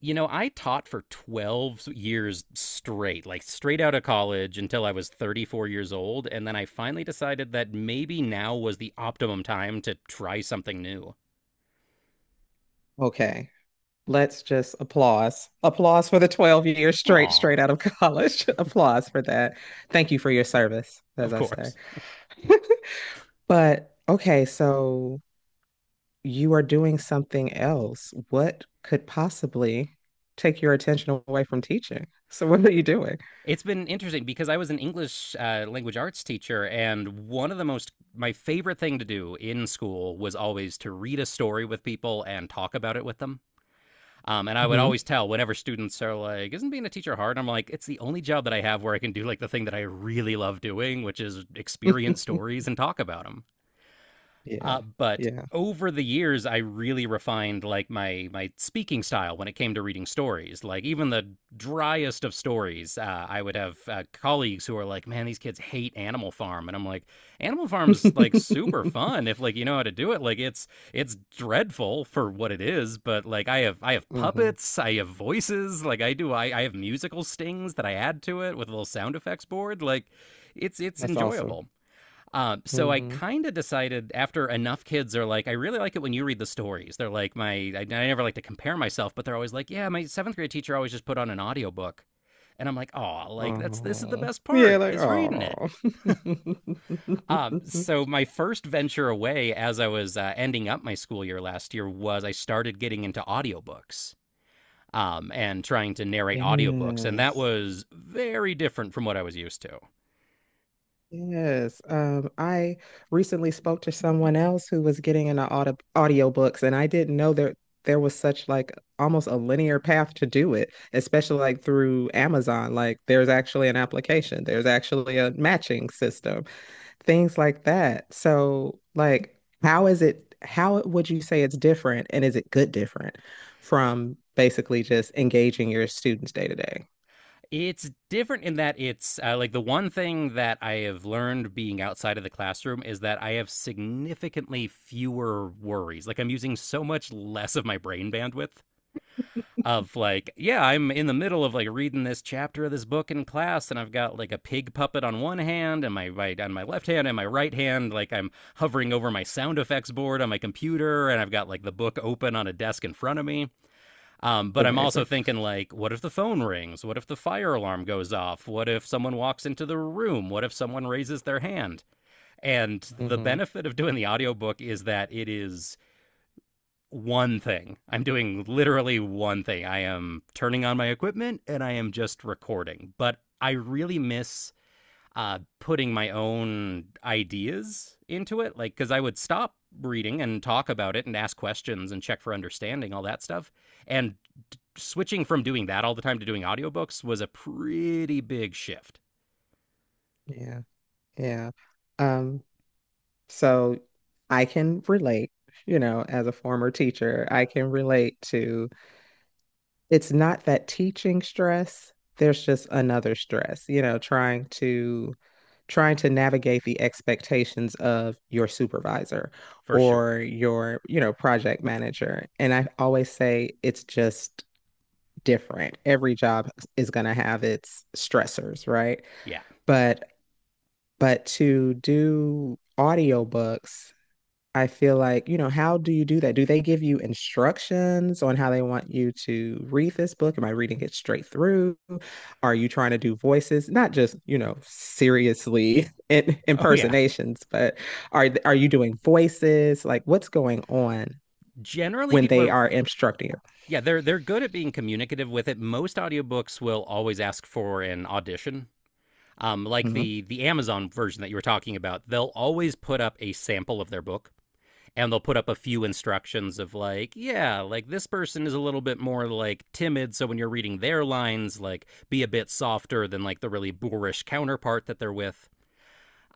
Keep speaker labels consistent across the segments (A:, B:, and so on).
A: You know, I taught for 12 years straight, like straight out of college until I was 34 years old. And then I finally decided that maybe now was the optimum time to try something new.
B: Okay. Let's just applause. Applause for the 12 years straight,
A: Aw,
B: straight out of college. Applause for that. Thank you for your service, as
A: of
B: I say.
A: course.
B: But okay, so you are doing something else. What could possibly take your attention away from teaching? So what are you doing?
A: It's been interesting because I was an English language arts teacher, and one of the my favorite thing to do in school was always to read a story with people and talk about it with them. And I would
B: Hmm.
A: always tell whenever students are like, "Isn't being a teacher hard?" I'm like, "It's the only job that I have where I can do like the thing that I really love doing, which is experience stories and talk about them."
B: Yeah.
A: But
B: Yeah.
A: over the years, I really refined like my speaking style when it came to reading stories. Like even the driest of stories, I would have colleagues who are like, "Man, these kids hate Animal Farm," and I'm like, "Animal Farm's like super fun if like you know how to do it. Like it's dreadful for what it is, but like I have
B: Hmm.
A: puppets, I have voices, like I have musical stings that I add to it with a little sound effects board. Like it's
B: That's awesome.
A: enjoyable. So I
B: Hmm.
A: kind of decided after enough kids are like, I really like it when you read the stories. They're like, I never like to compare myself, but they're always like, yeah, my seventh grade teacher always just put on an audiobook. And I'm like, oh, like that's this is the
B: Oh.
A: best
B: Yeah,
A: part
B: like
A: is reading it.
B: oh.
A: So my first venture away as I was ending up my school year last year was I started getting into audiobooks and trying to narrate audiobooks. And that
B: Yes.
A: was very different from what I was used to.
B: Yes. I recently spoke to someone else who was getting into audiobooks, and I didn't know there was such like almost a linear path to do it, especially like through Amazon. Like there's actually an application, there's actually a matching system, things like that. So like how is it, how would you say it's different and is it good different from basically just engaging your students day to day?
A: It's different in that it's like the one thing that I have learned being outside of the classroom is that I have significantly fewer worries. Like I'm using so much less of my brain bandwidth of like, yeah, I'm in the middle of like reading this chapter of this book in class and I've got like a pig puppet on one hand and my right on my left hand and my right hand like I'm hovering over my sound effects board on my computer and I've got like the book open on a desk in front of me. But I'm also
B: Amazing.
A: thinking like, what if the phone rings? What if the fire alarm goes off? What if someone walks into the room? What if someone raises their hand? And the
B: Hmm.
A: benefit of doing the audiobook is that it is one thing. I'm doing literally one thing. I am turning on my equipment and I am just recording. But I really miss putting my own ideas into it. Like, because I would stop reading and talk about it and ask questions and check for understanding, all that stuff. And switching from doing that all the time to doing audiobooks was a pretty big shift
B: Yeah. Yeah. Um, so I can relate, you know, as a former teacher. I can relate to, it's not that teaching stress, there's just another stress, you know, trying to, trying to navigate the expectations of your supervisor
A: for
B: or
A: sure.
B: your, you know, project manager. And I always say it's just different. Every job is going to have its stressors, right?
A: Yeah.
B: But but to do audiobooks, I feel like, you know, how do you do that? Do they give you instructions on how they want you to read this book? Am I reading it straight through? Are you trying to do voices? Not just, you know, seriously in,
A: Oh yeah.
B: impersonations, but are you doing voices? Like what's going on
A: Generally
B: when
A: people
B: they
A: are
B: are instructing
A: yeah, they're good at being communicative with it. Most audiobooks will always ask for an audition,
B: you?
A: like
B: Mhm.
A: the Amazon version that you were talking about, they'll always put up a sample of their book and they'll put up a few instructions of like, yeah, like this person is a little bit more like timid, so when you're reading their lines, like be a bit softer than like the really boorish counterpart that they're with.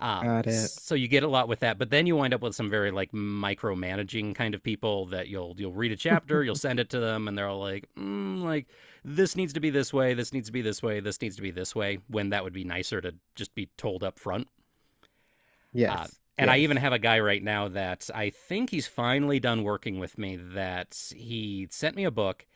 A: Um,
B: Got it.
A: so you get a lot with that, but then you wind up with some very like micromanaging kind of people that you'll read a chapter, you'll send it to them, and they're all like, mm, like this needs to be this way, this needs to be this way, this needs to be this way. When that would be nicer to just be told up front. Uh,
B: Yes.
A: and I even
B: Yes.
A: have a guy right now that I think he's finally done working with me. That he sent me a book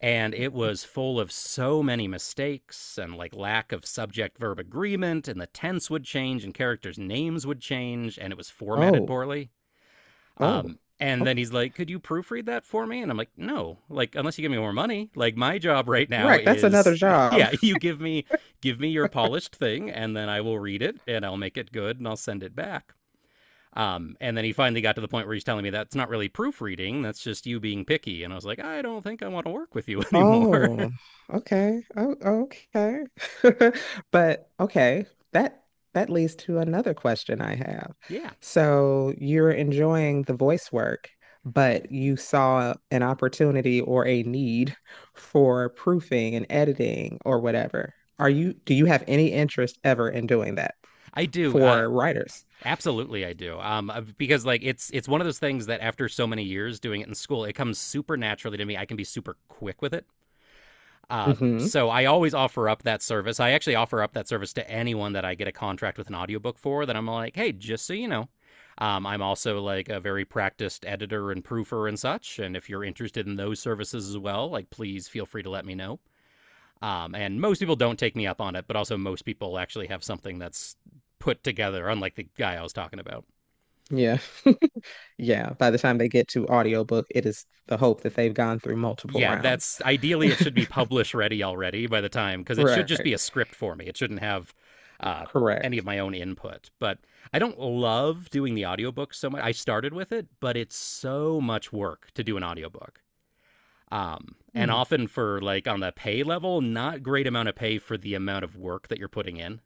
A: and it was full of so many mistakes and like lack of subject verb agreement and the tense would change and characters names would change and it was formatted
B: Oh,
A: poorly,
B: oh,
A: and then
B: okay.
A: he's like, could you proofread that for me? And I'm like, no, like unless you give me more money, like my job right now
B: Correct. That's another
A: is
B: job.
A: yeah, you give me, give me your polished thing and then I will read it and I'll make it good and I'll send it back. And then he finally got to the point where he's telling me that's not really proofreading. That's just you being picky. And I was like, I don't think I want to work with you anymore.
B: Oh, okay. Oh, okay. But okay, that that leads to another question I have.
A: Yeah,
B: So you're enjoying the voice work, but you saw an opportunity or a need for proofing and editing or whatever. Are you, do you have any interest ever in doing that
A: I do.
B: for writers?
A: Absolutely, I do. Because like it's one of those things that after so many years doing it in school, it comes super naturally to me. I can be super quick with it. Uh,
B: Hmm.
A: so I always offer up that service. I actually offer up that service to anyone that I get a contract with an audiobook for. That I'm like, hey, just so you know, I'm also like a very practiced editor and proofer and such. And if you're interested in those services as well, like please feel free to let me know. And most people don't take me up on it, but also most people actually have something that's put together, unlike the guy I was talking about.
B: Yeah. Yeah. By the time they get to audiobook, it is the hope that they've gone through multiple
A: Yeah,
B: rounds.
A: that's ideally it should be publish ready already by the time, because it should just
B: Right.
A: be a script for me. It shouldn't have uh, any of
B: Correct.
A: my own input. But I don't love doing the audiobook so much. I started with it, but it's so much work to do an audiobook. And
B: Hmm.
A: often for like on the pay level, not great amount of pay for the amount of work that you're putting in.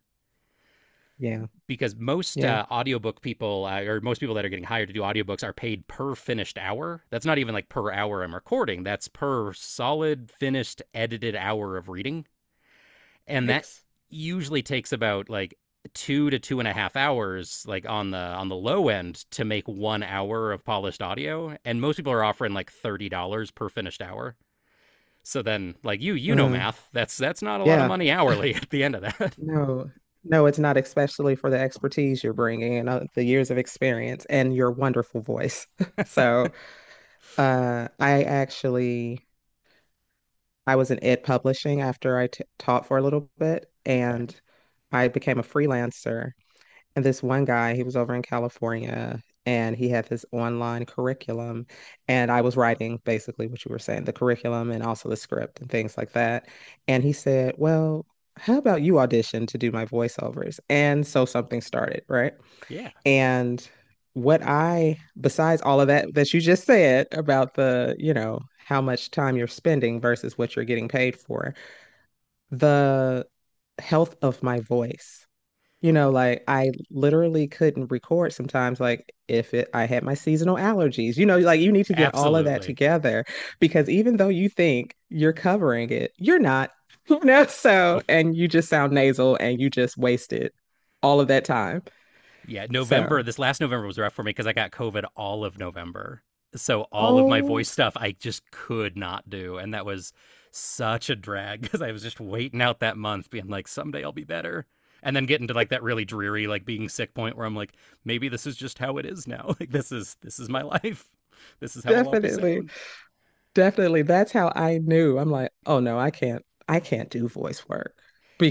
B: Yeah.
A: Because most
B: Yeah.
A: audiobook people, or most people that are getting hired to do audiobooks are paid per finished hour. That's not even like per hour I'm recording. That's per solid finished edited hour of reading, and that
B: Yikes.
A: usually takes about like two to two and a half hours like on the low end to make one hour of polished audio, and most people are offering like $30 per finished hour. So then like you know,
B: Uh,
A: math, that's not a lot of
B: Yeah.
A: money hourly at the end of that.
B: No, no, it's not, especially for the expertise you're bringing and the years of experience and your wonderful voice. So, uh, I actually I was in ed publishing after I t taught for a little bit,
A: Okay,
B: and I became a freelancer. And this one guy, he was over in California and he had this online curriculum. And I was writing basically what you were saying, the curriculum and also the script and things like that. And he said, "Well, how about you audition to do my voiceovers?" And so something started, right?
A: yeah,
B: And what I, besides all of that that you just said about the, you know, how much time you're spending versus what you're getting paid for, the health of my voice, you know, like I literally couldn't record sometimes, like if it, I had my seasonal allergies. You know, like you need to get all of that
A: absolutely.
B: together because even though you think you're covering it, you're not, you know, so,
A: Oh,
B: and you just sound nasal and you just wasted all of that time.
A: yeah, November,
B: So,
A: this last November was rough for me because I got COVID all of November. So all of my
B: oh,
A: voice stuff I just could not do. And that was such a drag because I was just waiting out that month, being like, someday I'll be better. And then getting to like that really dreary, like being sick point where I'm like, maybe this is just how it is now. Like this is my life. This is how I'll always
B: definitely.
A: sound.
B: Definitely. That's how I knew. I'm like, oh no, I can't do voice work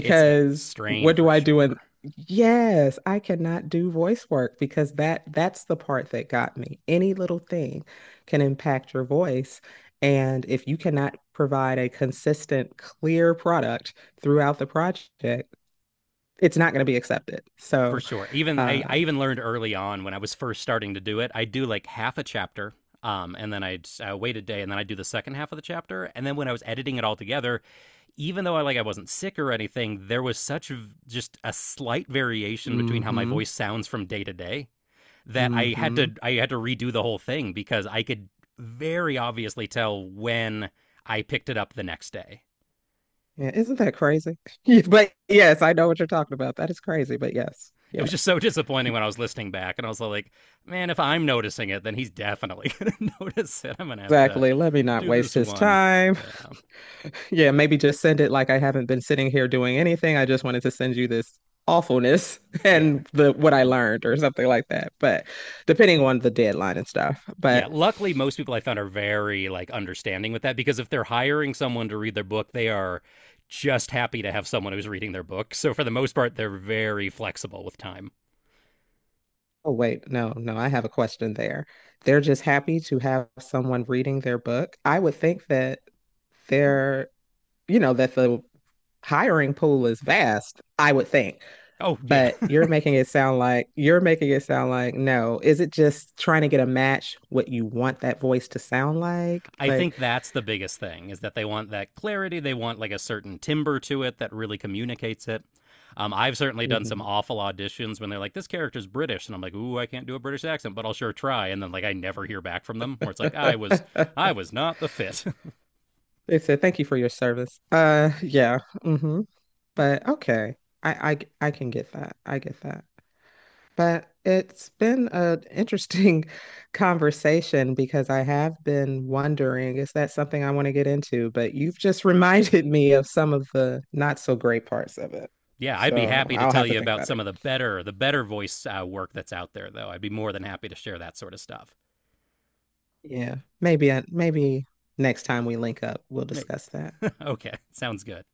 A: It's a strain
B: what
A: for
B: do I do? And
A: sure.
B: yes, I cannot do voice work because that's the part that got me. Any little thing can impact your voice. And if you cannot provide a consistent, clear product throughout the project, it's not going to be accepted.
A: For
B: So,
A: sure.
B: uh,
A: I even learned early on when I was first starting to do it. I do like half a chapter, and then I'd wait a day, and then I'd do the second half of the chapter. And then when I was editing it all together, even though I like I wasn't sick or anything, there was such just a slight variation between how my
B: mm-hmm,
A: voice sounds from day to day that
B: mm-hmm.
A: I had to redo the whole thing because I could very obviously tell when I picked it up the next day.
B: Yeah, isn't that crazy? Yeah, but yes, I know what you're talking about. That is crazy, but yes,
A: It was just
B: yes.
A: so disappointing when I was listening back, and I was like, man, if I'm noticing it, then he's definitely gonna notice it. I'm gonna have to
B: Exactly. Let me not
A: do
B: waste
A: this
B: his
A: one.
B: time.
A: Yeah.
B: Yeah, maybe just send it like I haven't been sitting here doing anything. I just wanted to send you this awfulness
A: Yeah.
B: and the what I learned or something like that. But depending on the deadline and stuff.
A: Yeah.
B: But
A: Luckily, most people I found are very like understanding with that because if they're hiring someone to read their book, they are just happy to have someone who's reading their book. So for the most part, they're very flexible with time.
B: oh, wait, no, no, I have a question there. They're just happy to have someone reading their book. I would think that they're, you know, that the hiring pool is vast, I would think.
A: Oh, yeah.
B: But you're making it sound like, you're making it sound like no. Is it just trying to get a match what you want that voice to sound like?
A: I
B: Like,
A: think that's the biggest thing is that they want that clarity. They want like a certain timbre to it that really communicates it. I've certainly done some
B: mhm.
A: awful auditions when they're like, "This character's British," and I'm like, "Ooh, I can't do a British accent, but I'll sure try." And then like I never hear back from them. Where it's like, I was not the fit."
B: They said, thank you for your service. Yeah. Hmm. But okay. I, I can get that. I get that. But it's been an interesting conversation because I have been wondering, is that something I want to get into? But you've just reminded me of some of the not so great parts of it.
A: Yeah, I'd be
B: So
A: happy to
B: I'll
A: tell
B: have to
A: you
B: think
A: about
B: about it.
A: some of the better voice work that's out there, though. I'd be more than happy to share that sort of stuff.
B: Yeah. Maybe next time we link up, we'll
A: Wait.
B: discuss that.
A: Okay, sounds good.